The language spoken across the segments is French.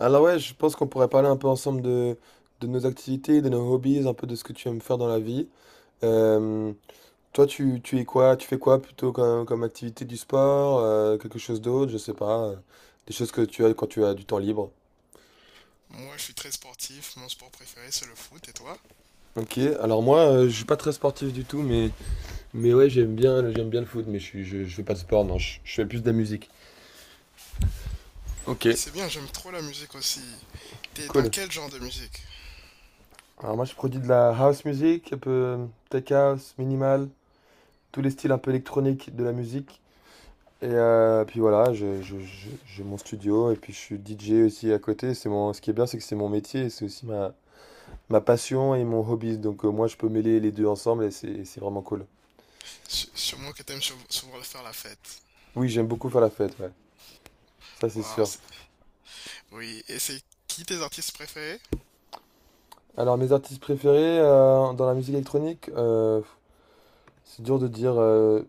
Alors ouais, je pense qu'on pourrait parler un peu ensemble de nos activités, de nos hobbies, un peu de ce que tu aimes faire dans la vie. Euh, Toi, tu es quoi? Tu fais quoi plutôt comme activité du sport, quelque chose d'autre, je sais pas, des choses que tu as quand tu as du temps libre. Moi, je suis très sportif. Mon sport préféré, c'est le foot. Et toi? Ok, alors moi, je suis pas très sportif du tout, mais ouais, j'aime bien le foot, mais je fais pas de sport, non, je fais plus de la musique. Oui, Ok, c'est bien. J'aime trop la musique aussi. T'es dans cool. quel genre de musique? Alors moi, je produis de la house music, un peu tech house, minimal, tous les styles un peu électroniques de la musique. Et puis voilà, j'ai mon studio et puis je suis DJ aussi à côté. C'est mon, ce qui est bien, c'est que c'est mon métier, et c'est aussi ma passion et mon hobby. Donc moi, je peux mêler les deux ensemble et c'est vraiment cool. Sûrement que t'aimes souvent faire la fête. Oui, j'aime beaucoup faire la fête, ouais. Ça, c'est Waouh. sûr. Oui. Et c'est qui tes artistes préférés? Alors, mes artistes préférés dans la musique électronique, c'est dur de dire.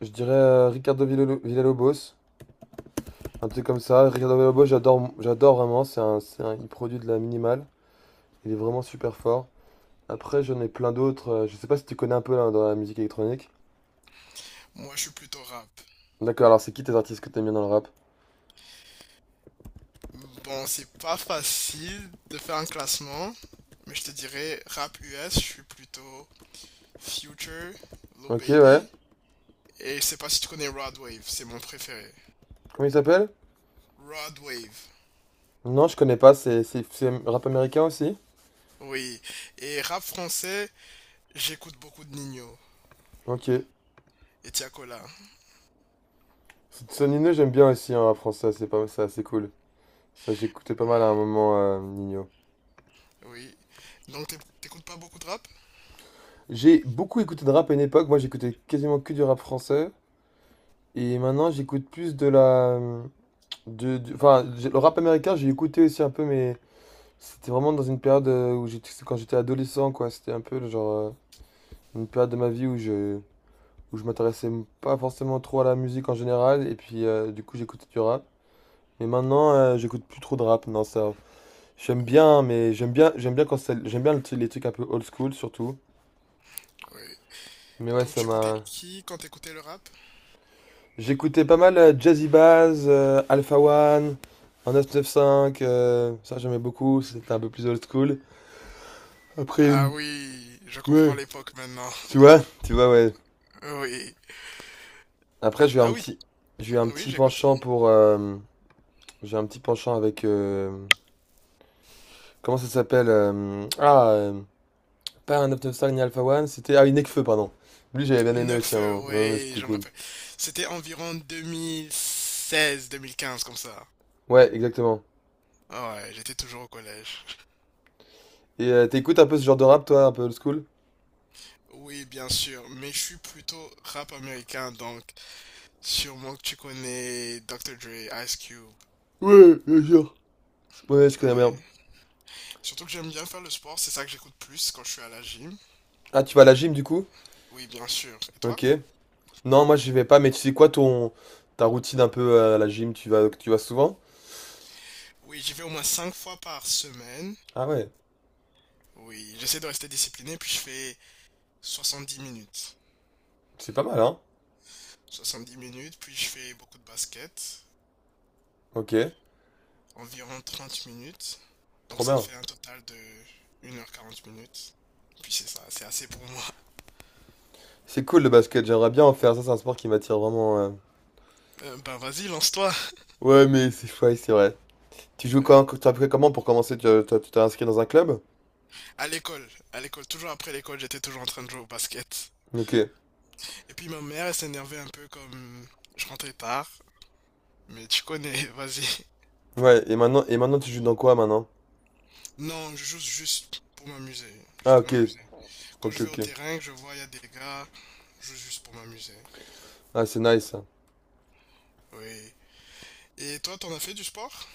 Je dirais Ricardo Villalobos, un truc comme ça. Ricardo Villalobos, j'adore, j'adore vraiment. Il produit de la minimale. Il est vraiment super fort. Après, j'en ai plein d'autres. Je sais pas si tu connais un peu là, dans la musique électronique. Moi, je suis plutôt rap. D'accord, alors c'est qui tes artistes que t'aimes bien dans le rap? Bon, c'est pas facile de faire un classement, mais je te dirais rap US. Je suis plutôt Future, Lil Ok, ouais. Baby. Et je sais pas si tu connais Rod Wave. C'est mon préféré. Comment il s'appelle? Rod Wave. Non, je connais pas. C'est rap américain aussi? Oui. Et rap français. J'écoute beaucoup de Nino Ok. et Tiakola, C'est Nino, j'aime bien aussi hein, en rap français. C'est pas, c'est assez cool. Ça, j'écoutais pas mal à un moment, Nino. oui. Donc t'écoutes pas beaucoup de rap? J'ai beaucoup écouté de rap à une époque. Moi, j'écoutais quasiment que du rap français. Et maintenant, j'écoute plus de la. Le rap américain, j'ai écouté aussi un peu, mais c'était vraiment dans une période où j'étais, quand j'étais adolescent, quoi. C'était un peu le genre. Une période de ma vie où où je m'intéressais pas forcément trop à la musique en général, et puis du coup j'écoutais du rap. Mais maintenant, j'écoute plus trop de rap, non, ça. J'aime bien, quand j'aime bien les trucs un peu old school surtout. Oui. Mais ouais, Donc ça tu écoutais m'a. qui quand t'écoutais le rap? J'écoutais pas mal Jazzy Bass, Alpha One, un 995, ça j'aimais beaucoup, c'était un peu plus old school. Après, Ah une... oui, je comprends ouais, l'époque maintenant. Tu vois, ouais. Oui. Après, Ah oui, j'ai eu un oui, petit j'écoute. penchant pour, j'ai un petit penchant avec comment ça s'appelle pas un Up Style ni Alpha One, c'était. Ah, oui, Nekfeu, pardon. Lui, j'avais bien aimé aussi à un Nekfeu, moment. Ouais, ouais, oui, c'était je me cool. rappelle. C'était environ 2016-2015 comme ça. Ouais, exactement. Ouais, j'étais toujours au collège. Et t'écoutes un peu ce genre de rap, toi, un peu old school? Oui, bien sûr, mais je suis plutôt rap américain, donc sûrement que tu connais Dr. Dre, Ice Cube. Ouais, bien sûr. Ouais, je connais bien. Oui. Surtout que j'aime bien faire le sport, c'est ça que j'écoute plus quand je suis à la gym. Ah, tu vas à la gym, du coup? Oui, bien sûr. Et toi? Ok. Non, moi, j'y vais pas, mais tu sais quoi, ton ta routine un peu à la gym, tu vas souvent? Oui, j'y vais au moins 5 fois par semaine. Ah ouais, Oui, j'essaie de rester discipliné, puis je fais 70 minutes. c'est pas mal, hein? 70 minutes, puis je fais beaucoup de basket, Ok, environ 30 minutes. Donc trop ça me bien. fait un total de 1 heure 40 minutes. Puis c'est ça, c'est assez pour moi. C'est cool le basket, j'aimerais bien en faire, ça, c'est un sport qui m'attire vraiment. Ben vas-y, lance-toi. Ouais, mais c'est chouette, c'est vrai. Tu joues Euh, quand, tu as appris comment pour commencer? Tu t'es inscrit dans un club? À l'école, toujours après l'école, j'étais toujours en train de jouer au basket. Ok. Et puis ma mère, elle s'énervait un peu comme je rentrais tard. Mais tu connais, vas-y. Ouais, et maintenant tu joues dans quoi maintenant? Non, je joue juste pour m'amuser. Ah Juste pour ok, m'amuser. Quand je vais au ok. terrain, que je vois, il y a des gars, je joue juste pour m'amuser. Ah c'est nice ça. Oui. Et toi, t'en as fait du sport?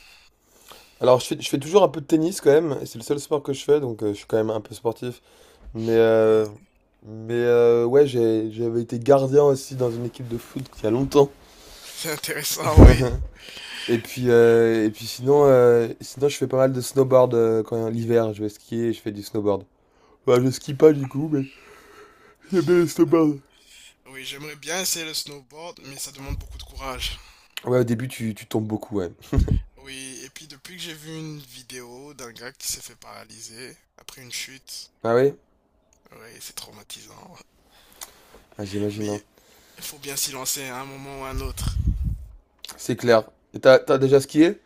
Alors je fais toujours un peu de tennis quand même, et c'est le seul sport que je fais, donc je suis quand même un peu sportif. Mais, euh, Ouais. Ouais, j'avais été gardien aussi dans une équipe de foot il y a longtemps. C'est intéressant, oui. Et puis sinon, sinon je fais pas mal de snowboard quand l'hiver, je vais skier, je fais du snowboard. Ouais, je skie pas du coup, mais j'aime bien le Euh, snowboard. Oui, j'aimerais bien essayer le snowboard, mais ça demande beaucoup de courage. Ouais, au début tu tombes beaucoup, ouais. Oui, et puis depuis que j'ai vu une vidéo d'un gars qui s'est fait paralyser après une chute, Ah oui? oui, c'est traumatisant. Ah, Mais j'imagine, hein. il faut bien s'y lancer à un moment ou à un autre. C'est clair. Et t'as déjà skié?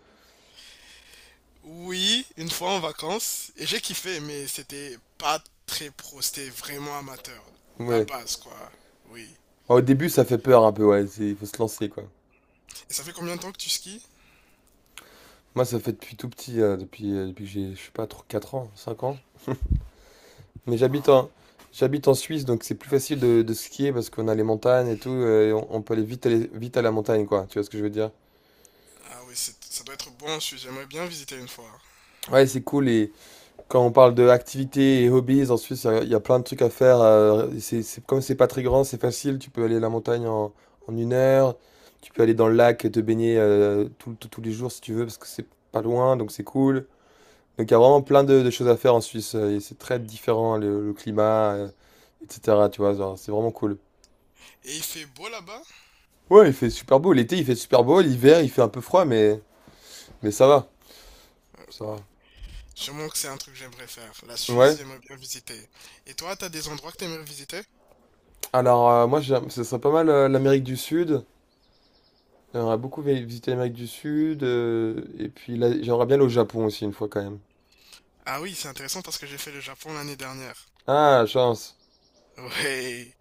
Oui, une fois en vacances, et j'ai kiffé, mais c'était pas très pro, c'était vraiment amateur. La Ouais. base, quoi. Oui. Ah, au début, ça fait peur un peu, ouais. Il faut se lancer, quoi. Et ça fait combien de temps que tu skis? Moi, ça fait depuis tout petit, depuis, depuis que j'ai, je sais pas, trop 4 ans, 5 ans. Mais j'habite Waouh. en, j'habite en Suisse, donc c'est plus facile de skier parce qu'on a les montagnes et tout, et on peut aller vite à la montagne, quoi. Tu vois ce que je veux dire? Ah oui, ça doit être bon en Suisse, j'aimerais bien visiter une fois. Ouais, c'est cool. Et, quand on parle de activités et hobbies, en Suisse, il y a plein de trucs à faire. C'est, comme c'est pas très grand, c'est facile. Tu peux aller à la montagne en 1 heure. Tu peux aller dans le lac et te baigner tous les jours si tu veux, parce que c'est pas loin, donc c'est cool. Donc il y a vraiment plein de choses à faire en Suisse. Et c'est très différent, le climat, etc. Tu vois, genre, c'est vraiment cool. Et il fait beau là-bas? Ouais, il fait super beau. L'été, il fait super beau. L'hiver, il fait un peu froid, mais ça va. Ça Sûrement que c'est un truc que j'aimerais faire. La va. Suisse, Ouais. j'aimerais bien visiter. Et toi, t'as des endroits que t'aimerais visiter? Alors, moi, ce serait pas mal l'Amérique du Sud. On J'aimerais beaucoup visiter l'Amérique du Sud, et puis là, j'aimerais bien aller au Japon aussi une fois quand même. Ah oui, c'est intéressant parce que j'ai fait le Japon l'année dernière. Ah, chance. Ouais,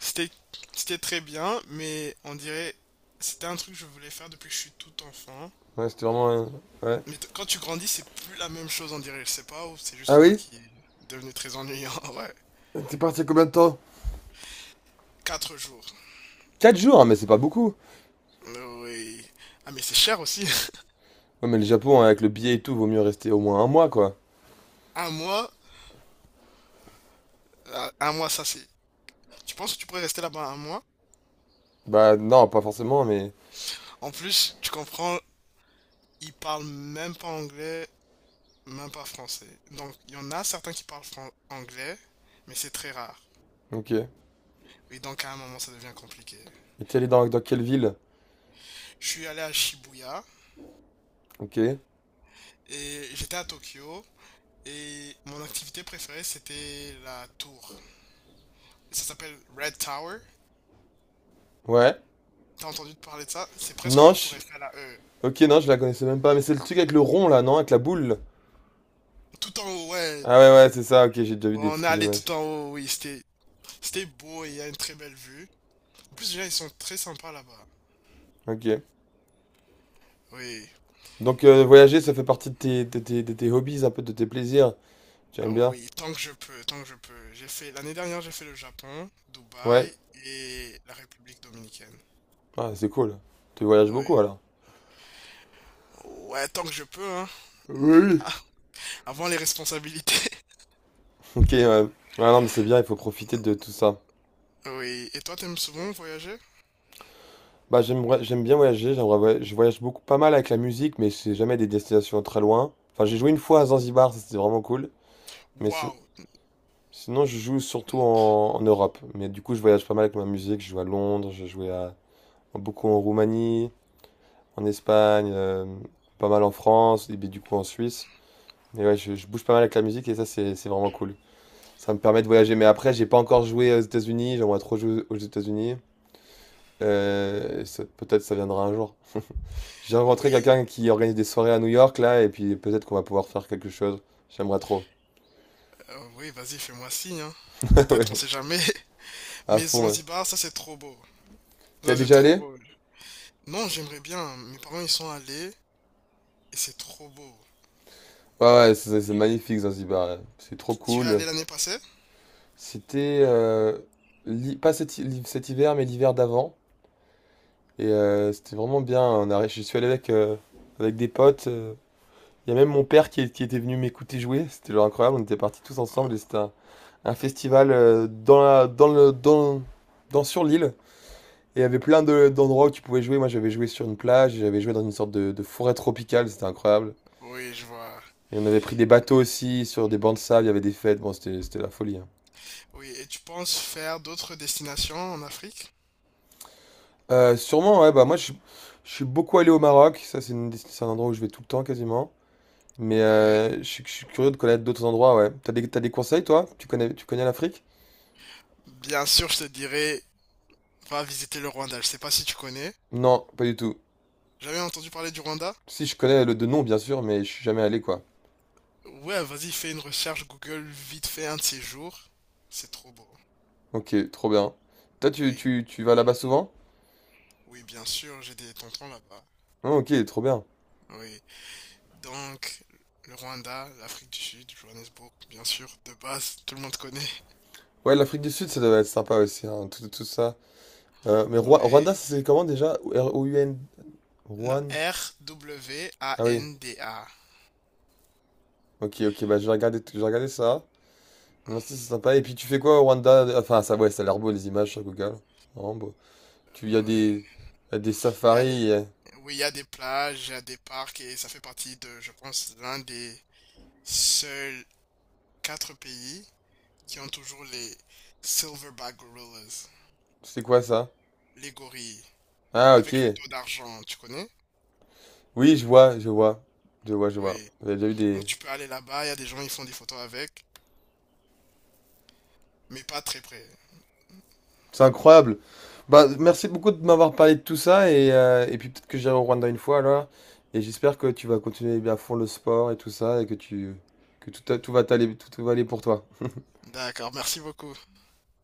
c'était c'était très bien, mais on dirait c'était un truc que je voulais faire depuis que je suis tout enfant. Ouais, c'était Ouais. Mais quand tu grandis, c'est plus la même chose, on dirait. Je sais pas, ou c'est Ah juste moi oui? qui est devenu très ennuyant. Ouais. T'es parti combien de temps? 4 jours. 4 jours, hein, mais c'est pas beaucoup. Oui. Ah, mais c'est cher aussi. Ouais, mais le Japon, hein, avec le billet et tout, vaut mieux rester au moins 1 mois, quoi. Un mois, un mois, ça c'est. Tu penses que tu pourrais rester là-bas un mois? Bah non, pas forcément, mais... En plus, tu comprends, ils parlent même pas anglais, même pas français. Donc, il y en a certains qui parlent anglais, mais c'est très rare. Ok. Et Et donc, à un moment, ça devient compliqué. t'es allé dans quelle ville? Je suis allé à Shibuya Ok. et j'étais à Tokyo. Et mon activité préférée, c'était la tour. Ça s'appelle Red Tower. Ouais. T'as entendu parler de ça? C'est presque Non, leur tour je... Eiffel à eux. Ok, non, je la connaissais même pas, mais c'est le truc avec le rond, là, non? Avec la boule. Tout en haut, ouais. Ah ouais, ouais, c'est ça, ok, j'ai déjà vu Ouais, on est des allé images. tout en haut, oui. C'était, c'était beau et il y a une très belle vue. En plus, déjà, ils sont très sympas là-bas. Ok. Oui. Donc voyager, ça fait partie de de tes hobbies, un peu de tes plaisirs. Tu aimes Oh bien? oui, tant que je peux, tant que je peux. J'ai fait, l'année dernière, j'ai fait le Japon, Ouais. Dubaï et la République dominicaine. Ah, c'est cool. Tu voyages Oui. beaucoup alors. Ouais, tant que je peux, hein. Oui. Ah, avant les responsabilités. Ok, ouais. Ouais, non, mais c'est bien, il faut profiter de tout ça. Oui. Et toi, t'aimes souvent voyager? Bah, j'aime bien voyager, je voyage beaucoup, pas mal avec la musique, mais c'est jamais des destinations très loin. Enfin, j'ai joué une fois à Zanzibar, ça c'était vraiment cool. Mais si- Waouh. Sinon, je joue surtout en Europe. Mais du coup, je voyage pas mal avec ma musique, je joue à Londres, beaucoup en Roumanie, en Espagne, pas mal en France, et puis du coup en Suisse. Mais ouais, je bouge pas mal avec la musique et ça, c'est vraiment cool. Ça me permet de voyager, mais après, j'ai pas encore joué aux États-Unis, j'aimerais trop jouer aux États-Unis. Peut-être ça viendra un jour. J'ai rencontré Oui. quelqu'un qui organise des soirées à New York là, et puis peut-être qu'on va pouvoir faire quelque chose. J'aimerais trop. Oui, vas-y, fais-moi signe, hein. Peut-être, on Ouais, sait jamais. à Mais fond. Ouais. Zanzibar, ça c'est trop beau. T'y as Ça c'est déjà trop allé? beau. Non, j'aimerais bien. Mes parents ils sont allés et c'est trop beau. Ouais, ouais, c'est magnifique Zanzibar. Ouais. C'est trop Tu es cool. allé l'année passée? C'était l'hi- pas cet, hi- l'hi- cet hiver, mais l'hiver d'avant. Et c'était vraiment bien. Je suis allé avec, avec des potes. Il y a même mon père qui, qui était venu m'écouter jouer, c'était genre incroyable, on était partis tous ensemble et Oh, c'était un festival dans la- dans le, dans, dans- sur l'île. Et il y avait plein d'endroits où tu pouvais jouer. Moi j'avais joué sur une plage, et j'avais joué dans une sorte de forêt tropicale, c'était incroyable. oui, je vois. Et on avait pris des bateaux aussi sur des bancs de sable, il y avait des fêtes, bon c'était la folie. Hein. Oui, et tu penses faire d'autres destinations en Afrique? Sûrement, ouais, je suis beaucoup allé au Maroc, ça c'est un endroit où je vais tout le temps quasiment. Mais Oui. Je suis curieux de connaître d'autres endroits, ouais. T'as des conseils toi? Tu connais l'Afrique? Bien sûr, je te dirais, va visiter le Rwanda. Je sais pas si tu connais. Non, pas du tout. Jamais entendu parler du Rwanda? Si, je connais le de nom, bien sûr, mais je suis jamais allé, quoi. Ouais, vas-y, fais une recherche Google vite fait un de ces jours. C'est trop beau. Ok, trop bien. Toi, Oui, tu vas là-bas souvent? oui, bien sûr, j'ai des tontons là-bas. Ah, ok, trop bien. Oui. Donc, le Rwanda, l'Afrique du Sud, Johannesburg, bien sûr, de base, tout le monde connaît. Ouais, l'Afrique du Sud, ça doit être sympa aussi, hein, tout ça. Mais Oui. Rwanda, ça c'est comment déjà? R-O-U-N... Non, Rwan? Ah oui. Rwanda. Ok, bah je vais regarder ça. Merci, c'est sympa. Et puis tu fais quoi au Rwanda? Enfin, ça, ouais, ça a l'air beau, les images sur Google. C'est vraiment beau. Tu, y a des, Oui. y a des Il y a les- safaris. Oui, il y a des plages, il y a des parcs et ça fait partie de, je pense, l'un des seuls quatre pays qui ont toujours les Silverback Gorillas, C'est quoi ça? les gorilles, Ah, avec le ok. dos d'argent, tu connais? Oui, je vois, je vois. Je vois, je vois. Oui. J'avais déjà eu Donc des, tu peux aller là-bas, il y a des gens, ils font des photos avec, mais pas très près. c'est incroyable. Bah, merci beaucoup de m'avoir parlé de tout ça et puis peut-être que j'irai au Rwanda une fois alors. Et j'espère que tu vas continuer bien à fond le sport et tout ça et que tu que tout va t'aller tout va aller pour toi. D'accord, merci beaucoup.